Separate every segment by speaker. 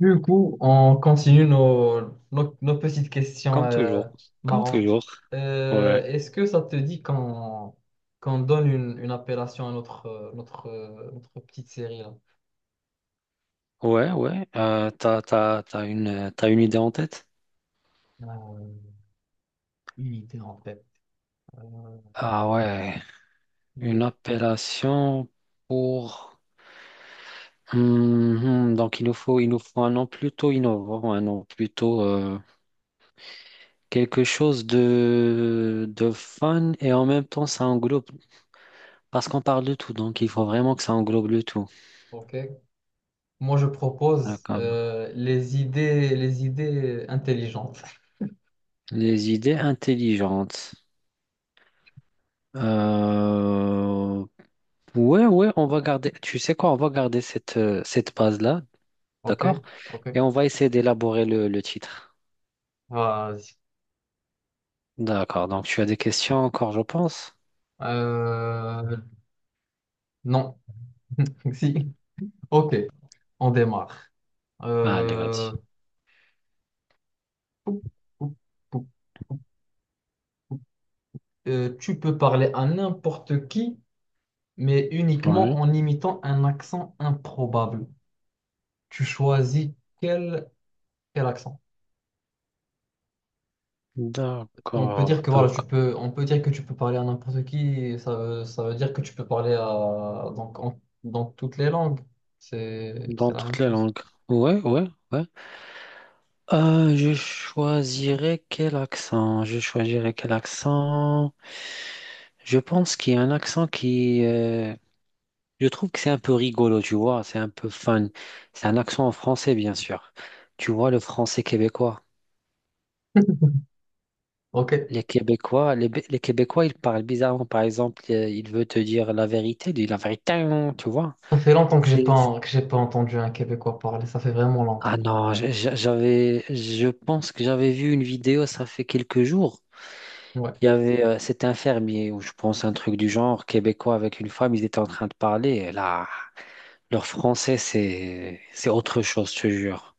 Speaker 1: Du coup, on continue nos petites questions
Speaker 2: Comme toujours. Comme
Speaker 1: marrantes.
Speaker 2: toujours. Ouais.
Speaker 1: Est-ce que ça te dit qu'on donne une appellation à notre petite série là?
Speaker 2: Ouais, ouais. T'as une idée en tête?
Speaker 1: Euh, une idée en tête. Euh,
Speaker 2: Ah ouais. Une
Speaker 1: les-
Speaker 2: appellation pour. Donc il nous faut un nom plutôt innovant, un nom plutôt quelque chose de fun et en même temps ça englobe. Parce qu'on parle de tout, donc il faut vraiment que ça englobe le tout.
Speaker 1: ok. Moi, je propose
Speaker 2: D'accord.
Speaker 1: les idées intelligentes.
Speaker 2: Les idées intelligentes. Euh, Ouais, ouais, on va garder, tu sais quoi, on va garder cette base-là,
Speaker 1: Ok,
Speaker 2: d'accord?
Speaker 1: ok.
Speaker 2: Et on va essayer d'élaborer le titre.
Speaker 1: Vas-y.
Speaker 2: D'accord, donc tu as des questions encore, je pense?
Speaker 1: Euh, non, si. Ok, on démarre.
Speaker 2: Allez,
Speaker 1: Euh,
Speaker 2: vas-y.
Speaker 1: Pou, pou, pou, pou. Tu peux parler à n'importe qui, mais uniquement
Speaker 2: Ouais.
Speaker 1: en imitant un accent improbable. Tu choisis quel, quel accent. On peut dire
Speaker 2: D'accord,
Speaker 1: que voilà,
Speaker 2: d'accord.
Speaker 1: on peut dire que tu peux parler à n'importe qui. Ça veut dire que tu peux parler à, donc, en- dans toutes les langues. C'est
Speaker 2: Dans
Speaker 1: la même
Speaker 2: toutes les
Speaker 1: chose.
Speaker 2: langues. Ouais, ouais, ouais. Je choisirais quel accent? Je choisirais quel accent? Je pense qu'il y a un accent qui, je trouve que c'est un peu rigolo, tu vois, c'est un peu fun. C'est un accent en français, bien sûr. Tu vois, le français québécois.
Speaker 1: Ok.
Speaker 2: Les Québécois, ils parlent bizarrement. Par exemple, il veut te dire la vérité, il dit la vérité, hein, tu vois.
Speaker 1: Ça fait longtemps que
Speaker 2: C'est...
Speaker 1: j'ai pas entendu un Québécois parler. Ça fait vraiment longtemps.
Speaker 2: Ah non, je pense que j'avais vu une vidéo, ça fait quelques jours.
Speaker 1: Ouais.
Speaker 2: Il y avait, c'était un fermier, ou je pense un truc du genre, Québécois avec une femme, ils étaient en train de parler. Et là, leur français, c'est autre chose, je te jure.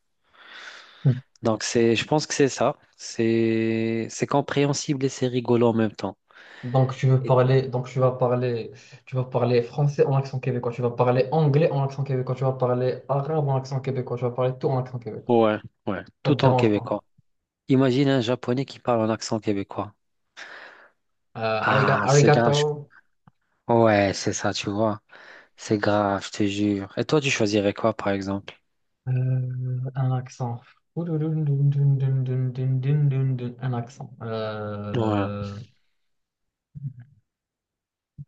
Speaker 2: Donc c'est, je pense que c'est ça. C'est compréhensible et c'est rigolo en même temps.
Speaker 1: Donc tu veux
Speaker 2: Et-
Speaker 1: parler, donc tu vas parler, tu vas parler français en accent québécois, tu vas parler anglais en accent québécois, tu vas parler arabe en accent québécois, tu vas parler tout en accent québécois.
Speaker 2: Ouais, ouais,
Speaker 1: Ça te
Speaker 2: tout en
Speaker 1: dérange pas.
Speaker 2: québécois. Imagine un Japonais qui parle en accent québécois. Ah, c'est
Speaker 1: Arigato,
Speaker 2: grave. Ouais, c'est ça, tu vois. C'est grave, je te jure. Et toi, tu choisirais quoi, par exemple?
Speaker 1: euh, un accent. Un accent.
Speaker 2: Ouais,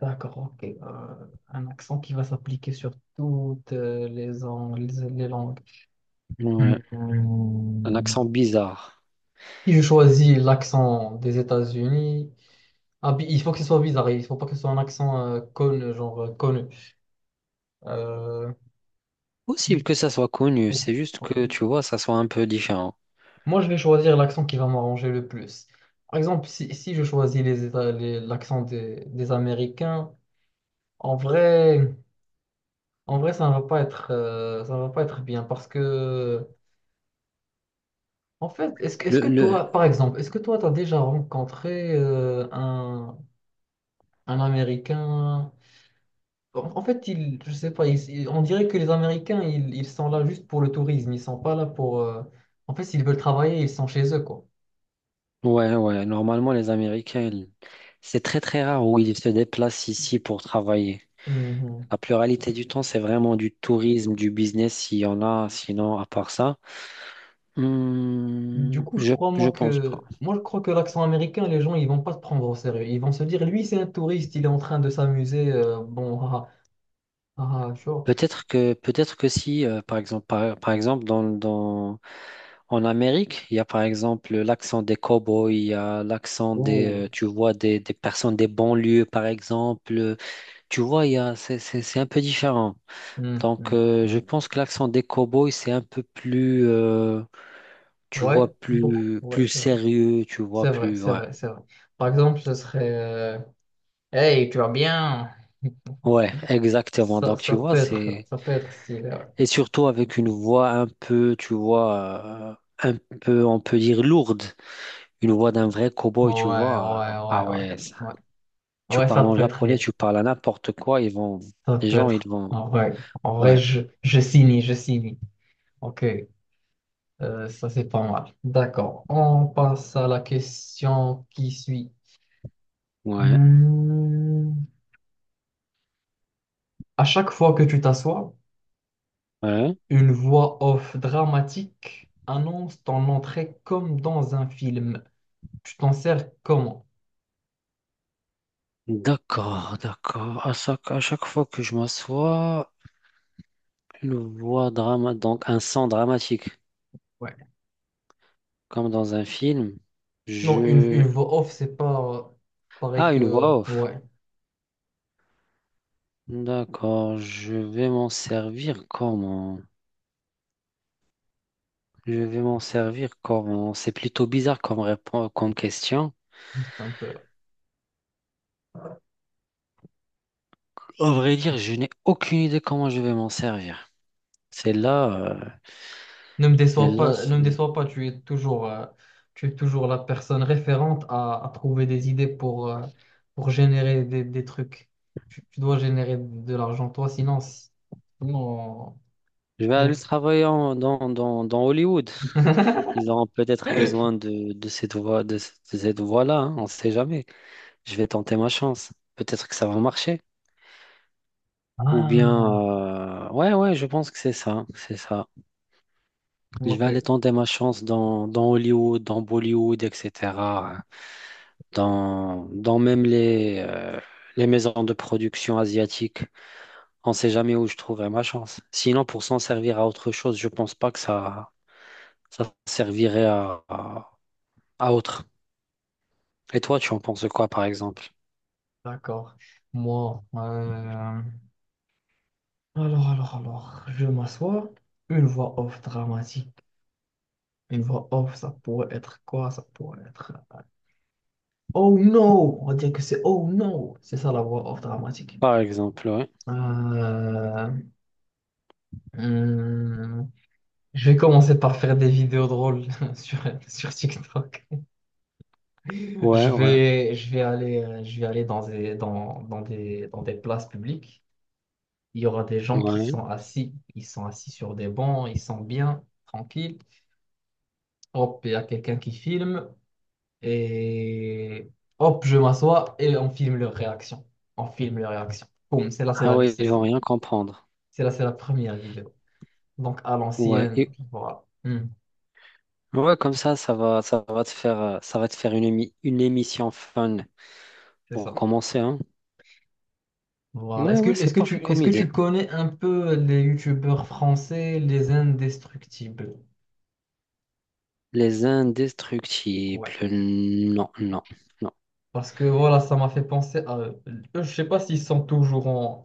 Speaker 1: D'accord, ok. Un accent qui va s'appliquer sur toutes les, ang- les langues.
Speaker 2: ouais. Un
Speaker 1: Hmm.
Speaker 2: accent bizarre.
Speaker 1: Si je choisis l'accent des États-Unis. Ah, puis il faut que ce soit bizarre, il faut pas que ce soit un accent connu, genre connu. Euh,
Speaker 2: Possible que ça soit connu,
Speaker 1: ok,
Speaker 2: c'est juste
Speaker 1: ok.
Speaker 2: que, tu vois, ça soit un peu différent.
Speaker 1: Moi, je vais choisir l'accent qui va m'arranger le plus. Par exemple, si je choisis l'accent des Américains, en vrai, en vrai, ça ne va pas ça ne va pas être bien parce que, en fait, est-ce
Speaker 2: Le,
Speaker 1: que
Speaker 2: le...
Speaker 1: toi, par exemple, est-ce que toi, tu as déjà rencontré un Américain? En fait, je sais pas, on dirait que les Américains, ils sont là juste pour le tourisme, ils sont pas là pour... En fait, s'ils veulent travailler, ils sont chez eux, quoi.
Speaker 2: Ouais, ouais, normalement, les Américains, c'est très, très rare où ils se déplacent ici pour travailler.
Speaker 1: Mhm.
Speaker 2: La pluralité du temps, c'est vraiment du tourisme, du business, s'il y en a, sinon, à part ça,
Speaker 1: Du coup, je
Speaker 2: je,
Speaker 1: crois, moi,
Speaker 2: je pense pas.
Speaker 1: que... Moi, je crois que l'accent américain, les gens, ils vont pas se prendre au sérieux. Ils vont se dire, lui, c'est un touriste, il est en train de s'amuser, bon, ah, tu vois.
Speaker 2: Peut-être que si, par exemple, par exemple en Amérique, il y a par exemple l'accent des cow-boys, il y a l'accent des,
Speaker 1: Oh.
Speaker 2: tu vois, des personnes des banlieues, par exemple. Tu vois, il y a, c'est un peu différent.
Speaker 1: Mhm,
Speaker 2: Donc, je
Speaker 1: mhm.
Speaker 2: pense que l'accent des cow-boys, c'est un peu plus, tu
Speaker 1: Ouais,
Speaker 2: vois,
Speaker 1: beaucoup.
Speaker 2: plus,
Speaker 1: Ouais,
Speaker 2: plus
Speaker 1: c'est vrai.
Speaker 2: sérieux, tu vois, plus, ouais.
Speaker 1: C'est vrai. Par exemple, ce serait... Hey, tu vas bien?
Speaker 2: Ouais, exactement. Donc, tu
Speaker 1: Ça peut
Speaker 2: vois,
Speaker 1: être, ça peut être stylé, ouais.
Speaker 2: et surtout avec une voix un peu, tu vois, un peu, on peut dire lourde. Une voix d'un vrai
Speaker 1: Ouais,
Speaker 2: cow-boy, tu vois.
Speaker 1: ouais,
Speaker 2: Ah
Speaker 1: ouais, ouais,
Speaker 2: ouais, ça.
Speaker 1: ouais.
Speaker 2: Tu
Speaker 1: Ouais, ça
Speaker 2: parles en
Speaker 1: peut être
Speaker 2: japonais,
Speaker 1: bien.
Speaker 2: tu parles à n'importe quoi, ils vont...
Speaker 1: Ça
Speaker 2: Les
Speaker 1: peut
Speaker 2: gens, ils
Speaker 1: être.
Speaker 2: vont...
Speaker 1: En vrai,
Speaker 2: Ouais,
Speaker 1: je signe, je signe. Ok, ça c'est pas mal. D'accord. On passe à la question qui suit.
Speaker 2: ouais,
Speaker 1: Hmm. À chaque fois que tu t'assois,
Speaker 2: ouais.
Speaker 1: une voix off dramatique annonce ton entrée comme dans un film. Tu t'en sers comment?
Speaker 2: D'accord, d'accord. À chaque fois que je m'assois, Donc, un son dramatique,
Speaker 1: Ouais.
Speaker 2: comme dans un film.
Speaker 1: Non, une
Speaker 2: Je...
Speaker 1: voix off, c'est pas euh, pareil
Speaker 2: Ah, une
Speaker 1: que.
Speaker 2: voix off.
Speaker 1: Ouais,
Speaker 2: D'accord, je vais m'en servir comment? Je vais m'en servir comment? C'est plutôt bizarre comme réponse, comme question.
Speaker 1: juste un peu.
Speaker 2: Au vrai dire, je n'ai aucune idée comment je vais m'en servir. C'est là, euh, c'est là.
Speaker 1: Ne me déçois pas, tu es toujours la personne référente à trouver des idées pour, pour générer des trucs. Tu dois générer de l'argent, toi, sinon, si- sinon,
Speaker 2: Je vais
Speaker 1: j'ai-
Speaker 2: aller travailler dans Hollywood. Ils auront peut-être besoin de cette voie-là, hein, on ne sait jamais. Je vais tenter ma chance. Peut-être que ça va marcher. Ou
Speaker 1: Ah,
Speaker 2: bien, ouais, ouais, je pense que c'est ça, c'est ça. Je vais aller
Speaker 1: ok,
Speaker 2: tenter ma chance dans Hollywood, dans Bollywood, etc. hein. Dans même les maisons de production asiatiques. On ne sait jamais où je trouverai ma chance. Sinon, pour s'en servir à autre chose, je ne pense pas que ça servirait à autre. Et toi, tu en penses quoi, par exemple?
Speaker 1: d'accord. Moi, alors, je m'assois. Une voix off dramatique. Une voix off, ça pourrait être quoi? Ça pourrait être. Oh no! On va dire que c'est oh no! C'est ça la voix off dramatique.
Speaker 2: Par exemple, ouais.
Speaker 1: Euh, hum, je vais commencer par faire des vidéos drôles sur, sur TikTok.
Speaker 2: Ouais, ouais,
Speaker 1: Je vais aller dans des places publiques. Il y aura des gens qui
Speaker 2: ouais.
Speaker 1: sont assis. Ils sont assis sur des bancs, ils sont bien, tranquilles. Hop, il y a quelqu'un qui filme. Et hop, je m'assois et on filme leur réaction. On filme leur réaction. Boum,
Speaker 2: Ah ouais, ils vont rien comprendre.
Speaker 1: c'est là, c'est la première vidéo. Donc à
Speaker 2: Ouais.
Speaker 1: l'ancienne, voilà.
Speaker 2: Ouais, comme ça, ça va te faire, ça va te faire une, une émission fun
Speaker 1: C'est
Speaker 2: pour
Speaker 1: ça.
Speaker 2: commencer, hein.
Speaker 1: Voilà.
Speaker 2: Ouais,
Speaker 1: Est-ce que,
Speaker 2: ouais, c'est parfait comme
Speaker 1: est-ce que tu
Speaker 2: idée.
Speaker 1: connais un peu les youtubeurs français, les indestructibles?
Speaker 2: Les indestructibles.
Speaker 1: Ouais.
Speaker 2: Non, non, non.
Speaker 1: Parce que voilà, ça m'a fait penser à eux. Eux, je sais pas s'ils sont toujours en,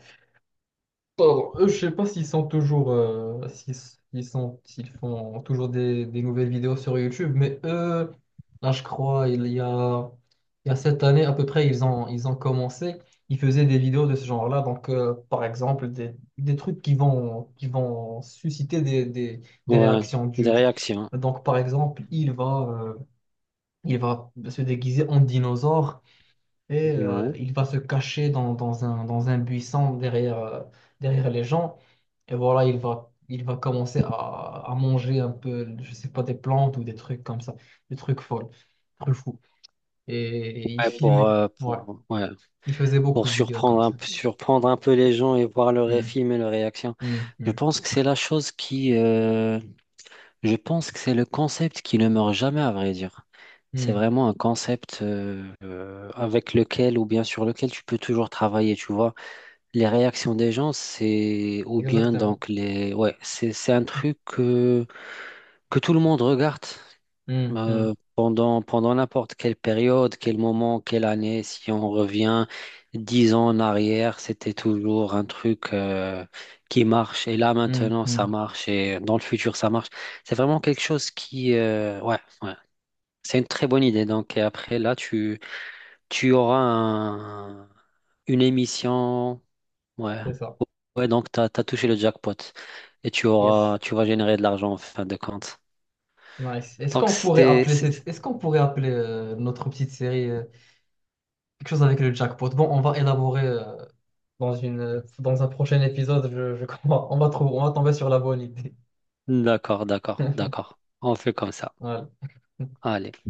Speaker 1: pardon, je sais pas s'ils sont toujours, s'ils font toujours des nouvelles vidéos sur YouTube, mais eux, là, je crois, il y a cette année à peu près, ils ont commencé, ils faisaient des vidéos de ce genre-là, donc par exemple, des trucs qui vont susciter des
Speaker 2: Ouais,
Speaker 1: réactions
Speaker 2: des réactions.
Speaker 1: Donc par exemple, euh, il va se déguiser en dinosaure et
Speaker 2: Ouais.
Speaker 1: il va se cacher dans un buisson derrière derrière les gens. Et voilà, il va commencer à manger un peu, je sais pas, des plantes ou des trucs comme ça, des trucs folles, des trucs fous. Et il
Speaker 2: Ouais, pour,
Speaker 1: filmait,
Speaker 2: euh,
Speaker 1: voilà.
Speaker 2: pour, ouais,
Speaker 1: Il faisait
Speaker 2: pour
Speaker 1: beaucoup de vidéos comme ça.
Speaker 2: surprendre un peu les gens et voir leur
Speaker 1: Hmm,
Speaker 2: film et leur réaction.
Speaker 1: hmm,
Speaker 2: Je
Speaker 1: hmm,
Speaker 2: pense que c'est la chose qui. Je pense que c'est le concept qui ne meurt jamais, à vrai dire. C'est
Speaker 1: hmm.
Speaker 2: vraiment un concept avec lequel ou bien sur lequel tu peux toujours travailler, tu vois. Les réactions des gens, c'est ou bien
Speaker 1: Exactement.
Speaker 2: donc les ouais, c'est un truc que tout le monde regarde
Speaker 1: Hmm, hmm,
Speaker 2: pendant n'importe quelle période, quel moment, quelle année. Si on revient 10 ans en arrière, c'était toujours un truc qui marche et là
Speaker 1: hmm,
Speaker 2: maintenant
Speaker 1: hmm.
Speaker 2: ça marche et dans le futur ça marche. C'est vraiment quelque chose qui ouais ouais. C'est une très bonne idée. Donc et après là tu auras une émission. Ouais.
Speaker 1: C'est ça.
Speaker 2: Ouais, donc t'as touché le jackpot et tu
Speaker 1: Yes.
Speaker 2: auras, tu vas générer de l'argent en fin de compte.
Speaker 1: Nice. Est-ce
Speaker 2: Donc
Speaker 1: qu'on pourrait
Speaker 2: c'est,
Speaker 1: appeler
Speaker 2: c'est-
Speaker 1: cette... Est-ce qu'on pourrait appeler notre petite série quelque chose avec le jackpot. Bon, on va élaborer euh, dans un prochain épisode, je crois. On va trouver, on va tomber sur la bonne idée.
Speaker 2: D'accord, d'accord, d'accord. On fait comme ça.
Speaker 1: Voilà.
Speaker 2: Allez.